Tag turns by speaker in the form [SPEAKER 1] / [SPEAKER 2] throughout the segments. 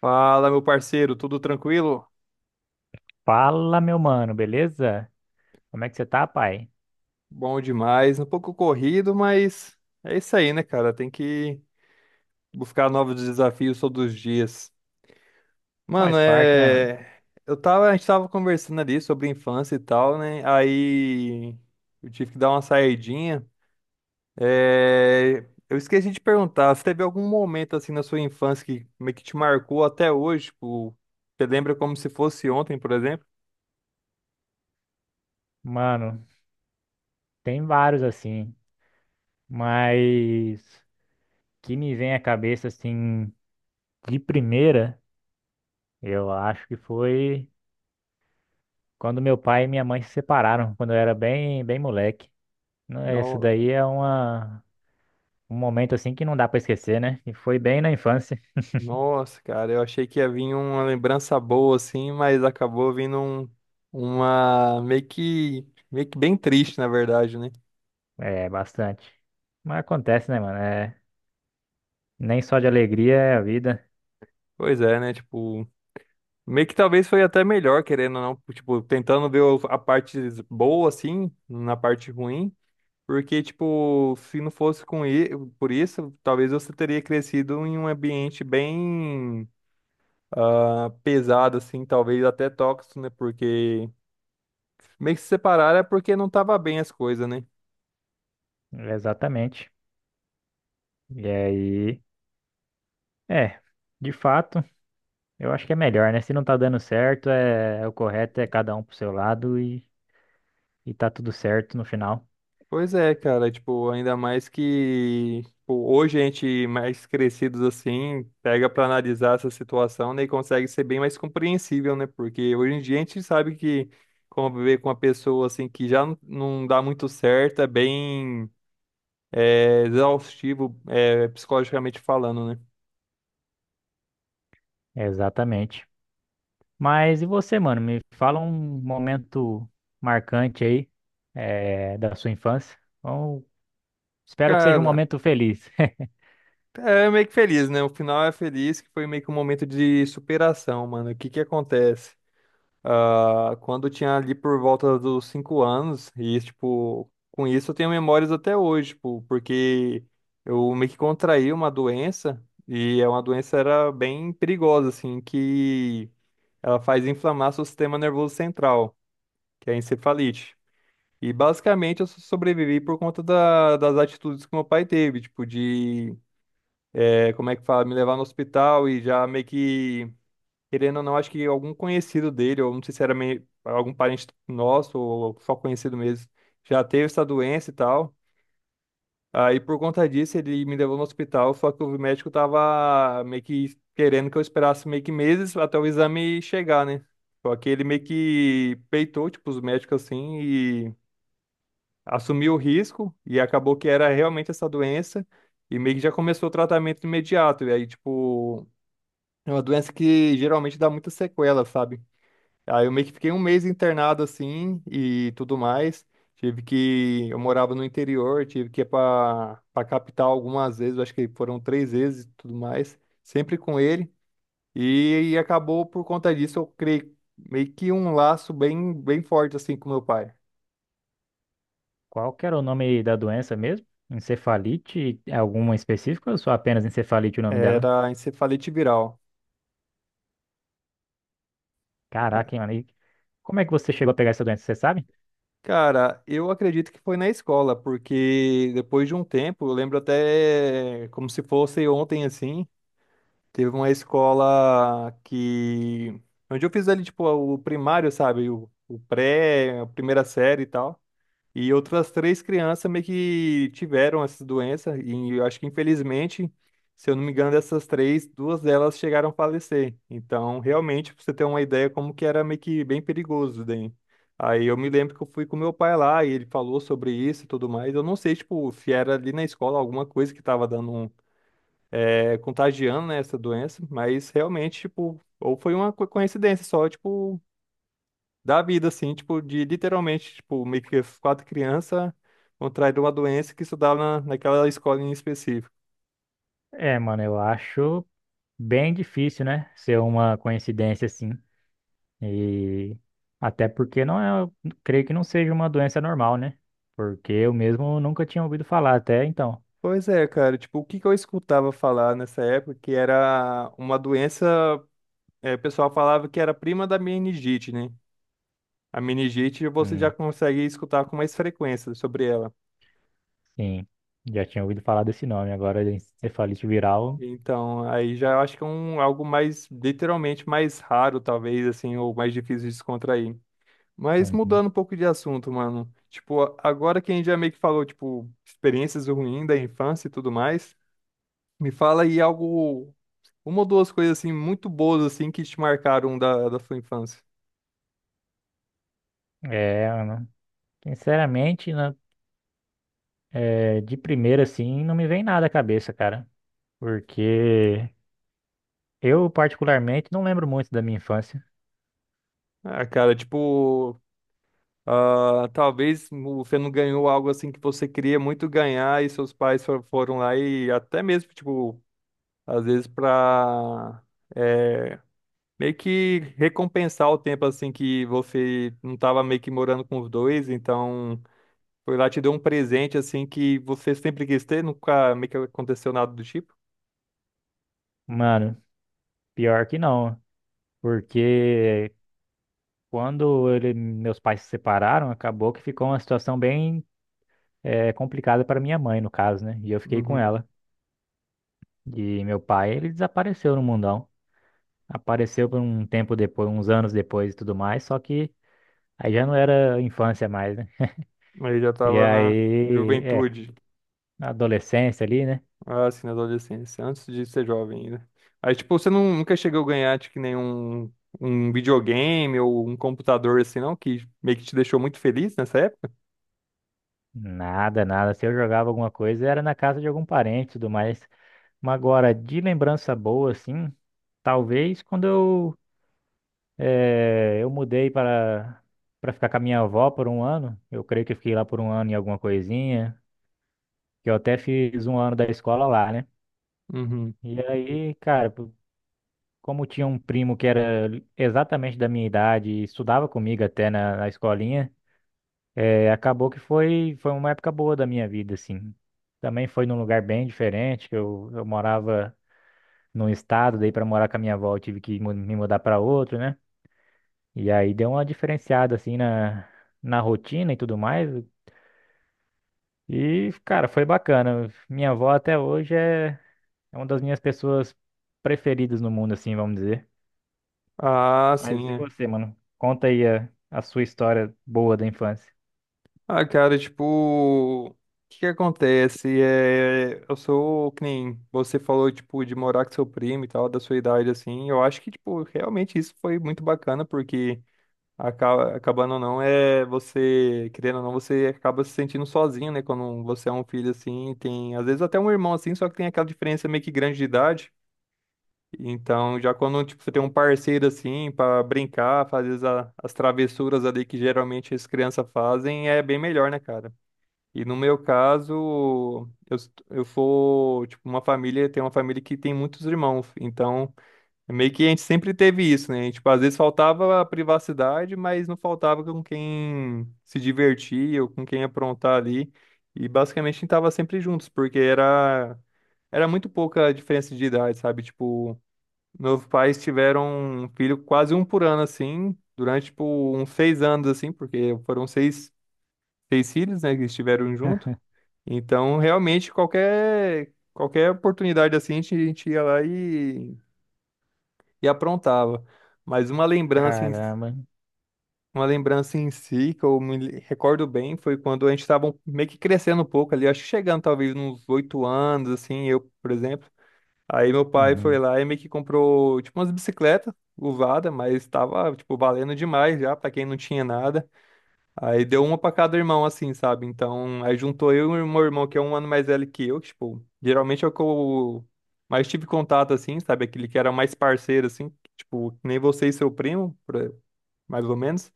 [SPEAKER 1] Fala, meu parceiro, tudo tranquilo?
[SPEAKER 2] Fala, meu mano, beleza? Como é que você tá, pai?
[SPEAKER 1] Bom demais, um pouco corrido, mas é isso aí, né, cara? Tem que buscar novos desafios todos os dias. Mano,
[SPEAKER 2] Faz parte, né, mano?
[SPEAKER 1] é. A gente tava conversando ali sobre infância e tal, né? Aí eu tive que dar uma saidinha. Eu esqueci de perguntar, se teve algum momento assim na sua infância que meio que te marcou até hoje? Tipo, você lembra como se fosse ontem, por exemplo?
[SPEAKER 2] Mano, tem vários assim, mas que me vem à cabeça assim, de primeira, eu acho que foi quando meu pai e minha mãe se separaram, quando eu era bem moleque. Não é. Isso
[SPEAKER 1] Não.
[SPEAKER 2] daí é um momento assim que não dá pra esquecer, né? E foi bem na infância,
[SPEAKER 1] Nossa, cara, eu achei que ia vir uma lembrança boa assim, mas acabou vindo uma meio que bem triste, na verdade, né?
[SPEAKER 2] é, bastante. Mas acontece, né, mano? É, nem só de alegria é a vida,
[SPEAKER 1] Pois é, né? Tipo, meio que talvez foi até melhor, querendo ou não, tipo, tentando ver a parte boa assim, na parte ruim, porque tipo, se não fosse por isso, talvez você teria crescido em um ambiente bem pesado assim, talvez até tóxico, né? Porque meio que se separaram é porque não tava bem as coisas, né?
[SPEAKER 2] exatamente. E aí. É, de fato, eu acho que é melhor, né? Se não tá dando certo, é, é o correto é cada um pro seu lado e tá tudo certo no final.
[SPEAKER 1] Pois é, cara, tipo, ainda mais que tipo, hoje a gente mais crescidos assim, pega pra analisar essa situação, né, e consegue ser bem mais compreensível, né? Porque hoje em dia a gente sabe que conviver com uma pessoa assim que já não dá muito certo é bem exaustivo, é, psicologicamente falando, né?
[SPEAKER 2] É, exatamente. Mas e você, mano? Me fala um momento marcante aí, é, da sua infância. Bom, espero que seja um
[SPEAKER 1] Cara,
[SPEAKER 2] momento feliz.
[SPEAKER 1] é meio que feliz, né? O final é feliz, que foi meio que um momento de superação, mano. O que que acontece? Ah, quando eu tinha ali por volta dos 5 anos, e tipo, com isso eu tenho memórias até hoje, tipo, porque eu meio que contraí uma doença, e é uma doença era bem perigosa, assim, que ela faz inflamar seu sistema nervoso central, que é a encefalite. E basicamente eu sobrevivi por conta das atitudes que meu pai teve, tipo, de, como é que fala, me levar no hospital e já meio que querendo ou não, acho que algum conhecido dele, ou não sei se era algum parente nosso, ou só conhecido mesmo, já teve essa doença e tal. Aí, por conta disso, ele me levou no hospital, só que o médico tava meio que querendo que eu esperasse meio que meses até o exame chegar, né? Só que ele meio que peitou, tipo, os médicos assim, e assumiu o risco, e acabou que era realmente essa doença, e meio que já começou o tratamento imediato. E aí, tipo, é uma doença que geralmente dá muita sequela, sabe? Aí eu meio que fiquei um mês internado assim e tudo mais. Tive que. Eu morava no interior, tive que ir pra capital algumas vezes, eu acho que foram 3 vezes e tudo mais, sempre com ele. E acabou por conta disso, eu criei meio que um laço bem, bem forte assim com meu pai.
[SPEAKER 2] Qual que era o nome da doença mesmo? Encefalite? Alguma específica ou só apenas encefalite o nome dela?
[SPEAKER 1] Era encefalite viral. É.
[SPEAKER 2] Caraca, hein, mano? E como é que você chegou a pegar essa doença, você sabe?
[SPEAKER 1] Cara, eu acredito que foi na escola, porque depois de um tempo, eu lembro até como se fosse ontem assim. Teve uma escola que. Onde eu fiz ali, tipo, o primário, sabe? O pré, a primeira série e tal. E outras três crianças meio que tiveram essa doença. E eu acho que, infelizmente, se eu não me engano, dessas três, duas delas chegaram a falecer. Então, realmente, pra você ter uma ideia, como que era meio que bem perigoso daí. Aí eu me lembro que eu fui com meu pai lá e ele falou sobre isso e tudo mais. Eu não sei, tipo, se era ali na escola alguma coisa que tava dando um contagiando, né, essa doença, mas realmente, tipo, ou foi uma coincidência só, tipo, da vida, assim, tipo, de literalmente, tipo, meio que as quatro crianças contraíram uma doença que estudava naquela escola em específico.
[SPEAKER 2] É, mano, eu acho. Bem difícil, né? Ser uma coincidência assim. E até porque não é, creio que não seja uma doença normal, né? Porque eu mesmo nunca tinha ouvido falar até então.
[SPEAKER 1] Pois é, cara, tipo, o que que eu escutava falar nessa época que era uma doença, o pessoal falava que era prima da meningite, né? A meningite você já
[SPEAKER 2] Hum,
[SPEAKER 1] consegue escutar com mais frequência sobre ela.
[SPEAKER 2] sim, já tinha ouvido falar desse nome. Agora, encefalite viral.
[SPEAKER 1] Então, aí já eu acho que é algo mais, literalmente, mais raro, talvez, assim, ou mais difícil de descontrair. Mas
[SPEAKER 2] Uhum.
[SPEAKER 1] mudando um pouco de assunto, mano. Tipo, agora que a gente já meio que falou, tipo, experiências ruins da infância e tudo mais, me fala aí algo, uma ou duas coisas, assim, muito boas, assim, que te marcaram da sua infância.
[SPEAKER 2] É, né? Sinceramente, é, de primeira assim, não me vem nada à cabeça, cara. Porque eu, particularmente, não lembro muito da minha infância.
[SPEAKER 1] Ah, cara, tipo, talvez você não ganhou algo, assim, que você queria muito ganhar e seus pais foram lá e até mesmo, tipo, às vezes para meio que recompensar o tempo assim que você não estava meio que morando com os dois, então foi lá e te deu um presente assim que você sempre quis ter, nunca meio que aconteceu nada do tipo.
[SPEAKER 2] Mano, pior que não. Porque meus pais se separaram, acabou que ficou uma situação bem complicada para minha mãe, no caso, né? E eu fiquei com
[SPEAKER 1] Uhum.
[SPEAKER 2] ela. E meu pai, ele desapareceu no mundão. Apareceu por um tempo depois, uns anos depois e tudo mais, só que aí já não era infância mais, né?
[SPEAKER 1] Aí já
[SPEAKER 2] E
[SPEAKER 1] tava na
[SPEAKER 2] aí, é,
[SPEAKER 1] juventude,
[SPEAKER 2] na adolescência ali, né?
[SPEAKER 1] assim, na adolescência, antes de ser jovem ainda. Aí tipo, você não, nunca chegou a ganhar tipo, nenhum um videogame ou um computador assim não, que meio que te deixou muito feliz nessa época?
[SPEAKER 2] Nada, nada. Se eu jogava alguma coisa, era na casa de algum parente e tudo mais. Mas agora, de lembrança boa, assim, talvez eu mudei para ficar com a minha avó por um ano. Eu creio que eu fiquei lá por um ano em alguma coisinha, que eu até fiz um ano da escola lá, né?
[SPEAKER 1] Uhum.
[SPEAKER 2] E aí, cara, como tinha um primo que era exatamente da minha idade e estudava comigo até na escolinha, é, acabou que foi uma época boa da minha vida, assim. Também foi num lugar bem diferente, que eu morava num estado, daí para morar com a minha avó eu tive que me mudar para outro, né? E aí deu uma diferenciada assim na rotina e tudo mais. E, cara, foi bacana. Minha avó até hoje é uma das minhas pessoas preferidas no mundo, assim, vamos dizer.
[SPEAKER 1] Ah,
[SPEAKER 2] Mas
[SPEAKER 1] sim.
[SPEAKER 2] e
[SPEAKER 1] É.
[SPEAKER 2] você, mano? Conta aí a sua história boa da infância.
[SPEAKER 1] Ah, cara, tipo, o que que acontece? É, eu sou, que nem você falou, tipo, de morar com seu primo e tal, da sua idade, assim. Eu acho que, tipo, realmente isso foi muito bacana, porque acabando ou não, é você, querendo ou não, você acaba se sentindo sozinho, né? Quando você é um filho, assim, tem, às vezes, até um irmão, assim, só que tem aquela diferença meio que grande de idade. Então, já quando, tipo, você tem um parceiro, assim, pra brincar, fazer as travessuras ali que geralmente as crianças fazem, é bem melhor, né, cara? E no meu caso, eu sou, tipo, uma família, tem uma família que tem muitos irmãos, então é meio que a gente sempre teve isso, né? A gente, tipo, às vezes faltava a privacidade, mas não faltava com quem se divertir ou com quem aprontar ali. E basicamente a gente tava sempre juntos, porque era muito pouca a diferença de idade, sabe? Tipo, meus pais tiveram um filho quase um por ano, assim, durante, tipo, uns 6 anos, assim, porque foram seis filhos, né, que estiveram junto. Então, realmente, qualquer oportunidade assim, a gente ia lá e, aprontava. Mas
[SPEAKER 2] Caramba.
[SPEAKER 1] uma lembrança em si, que eu me recordo bem, foi quando a gente estava meio que crescendo um pouco ali, acho que chegando talvez uns 8 anos, assim, eu, por exemplo. Aí meu pai foi
[SPEAKER 2] Uhum.
[SPEAKER 1] lá e meio que comprou, tipo, umas bicicletas usadas, mas estava, tipo, valendo demais já, para quem não tinha nada. Aí deu uma pra cada irmão, assim, sabe? Então, aí juntou eu e o meu irmão, que é um ano mais velho que eu, que, tipo, geralmente é o que eu mais tive contato, assim, sabe? Aquele que era mais parceiro, assim, que, tipo, que nem você e seu primo, mais ou menos.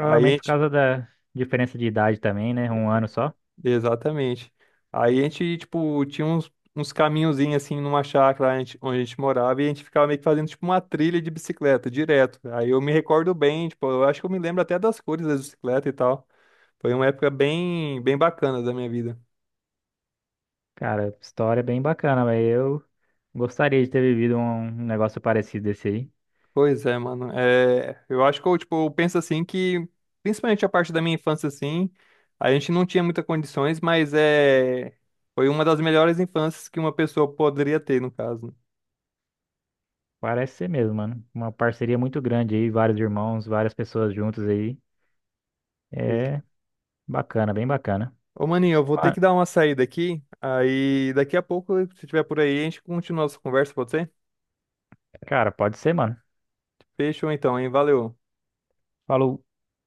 [SPEAKER 1] Aí a
[SPEAKER 2] por
[SPEAKER 1] gente,
[SPEAKER 2] causa da diferença de idade também, né? Um ano só.
[SPEAKER 1] exatamente. Aí a gente, tipo, tinha uns caminhozinhos, assim, numa chácara onde a gente morava e a gente ficava meio que fazendo, tipo, uma trilha de bicicleta, direto. Aí eu me recordo bem, tipo, eu acho que eu me lembro até das cores da bicicleta e tal. Foi uma época bem, bem bacana da minha vida.
[SPEAKER 2] Cara, história bem bacana, mas eu gostaria de ter vivido um negócio parecido desse aí.
[SPEAKER 1] Pois é, mano. É, eu acho que tipo, eu penso assim que, principalmente a parte da minha infância, assim, a gente não tinha muitas condições, mas foi uma das melhores infâncias que uma pessoa poderia ter, no caso, né?
[SPEAKER 2] Parece ser mesmo, mano. Uma parceria muito grande aí, vários irmãos, várias pessoas juntas aí.
[SPEAKER 1] Ex-
[SPEAKER 2] É bacana, bem bacana.
[SPEAKER 1] Ô, maninho, eu vou ter
[SPEAKER 2] Ah,
[SPEAKER 1] que dar uma saída aqui, aí daqui a pouco, se tiver por aí, a gente continua a nossa conversa, pode ser?
[SPEAKER 2] cara, pode ser, mano.
[SPEAKER 1] Fechou então, hein? Valeu.
[SPEAKER 2] Falou.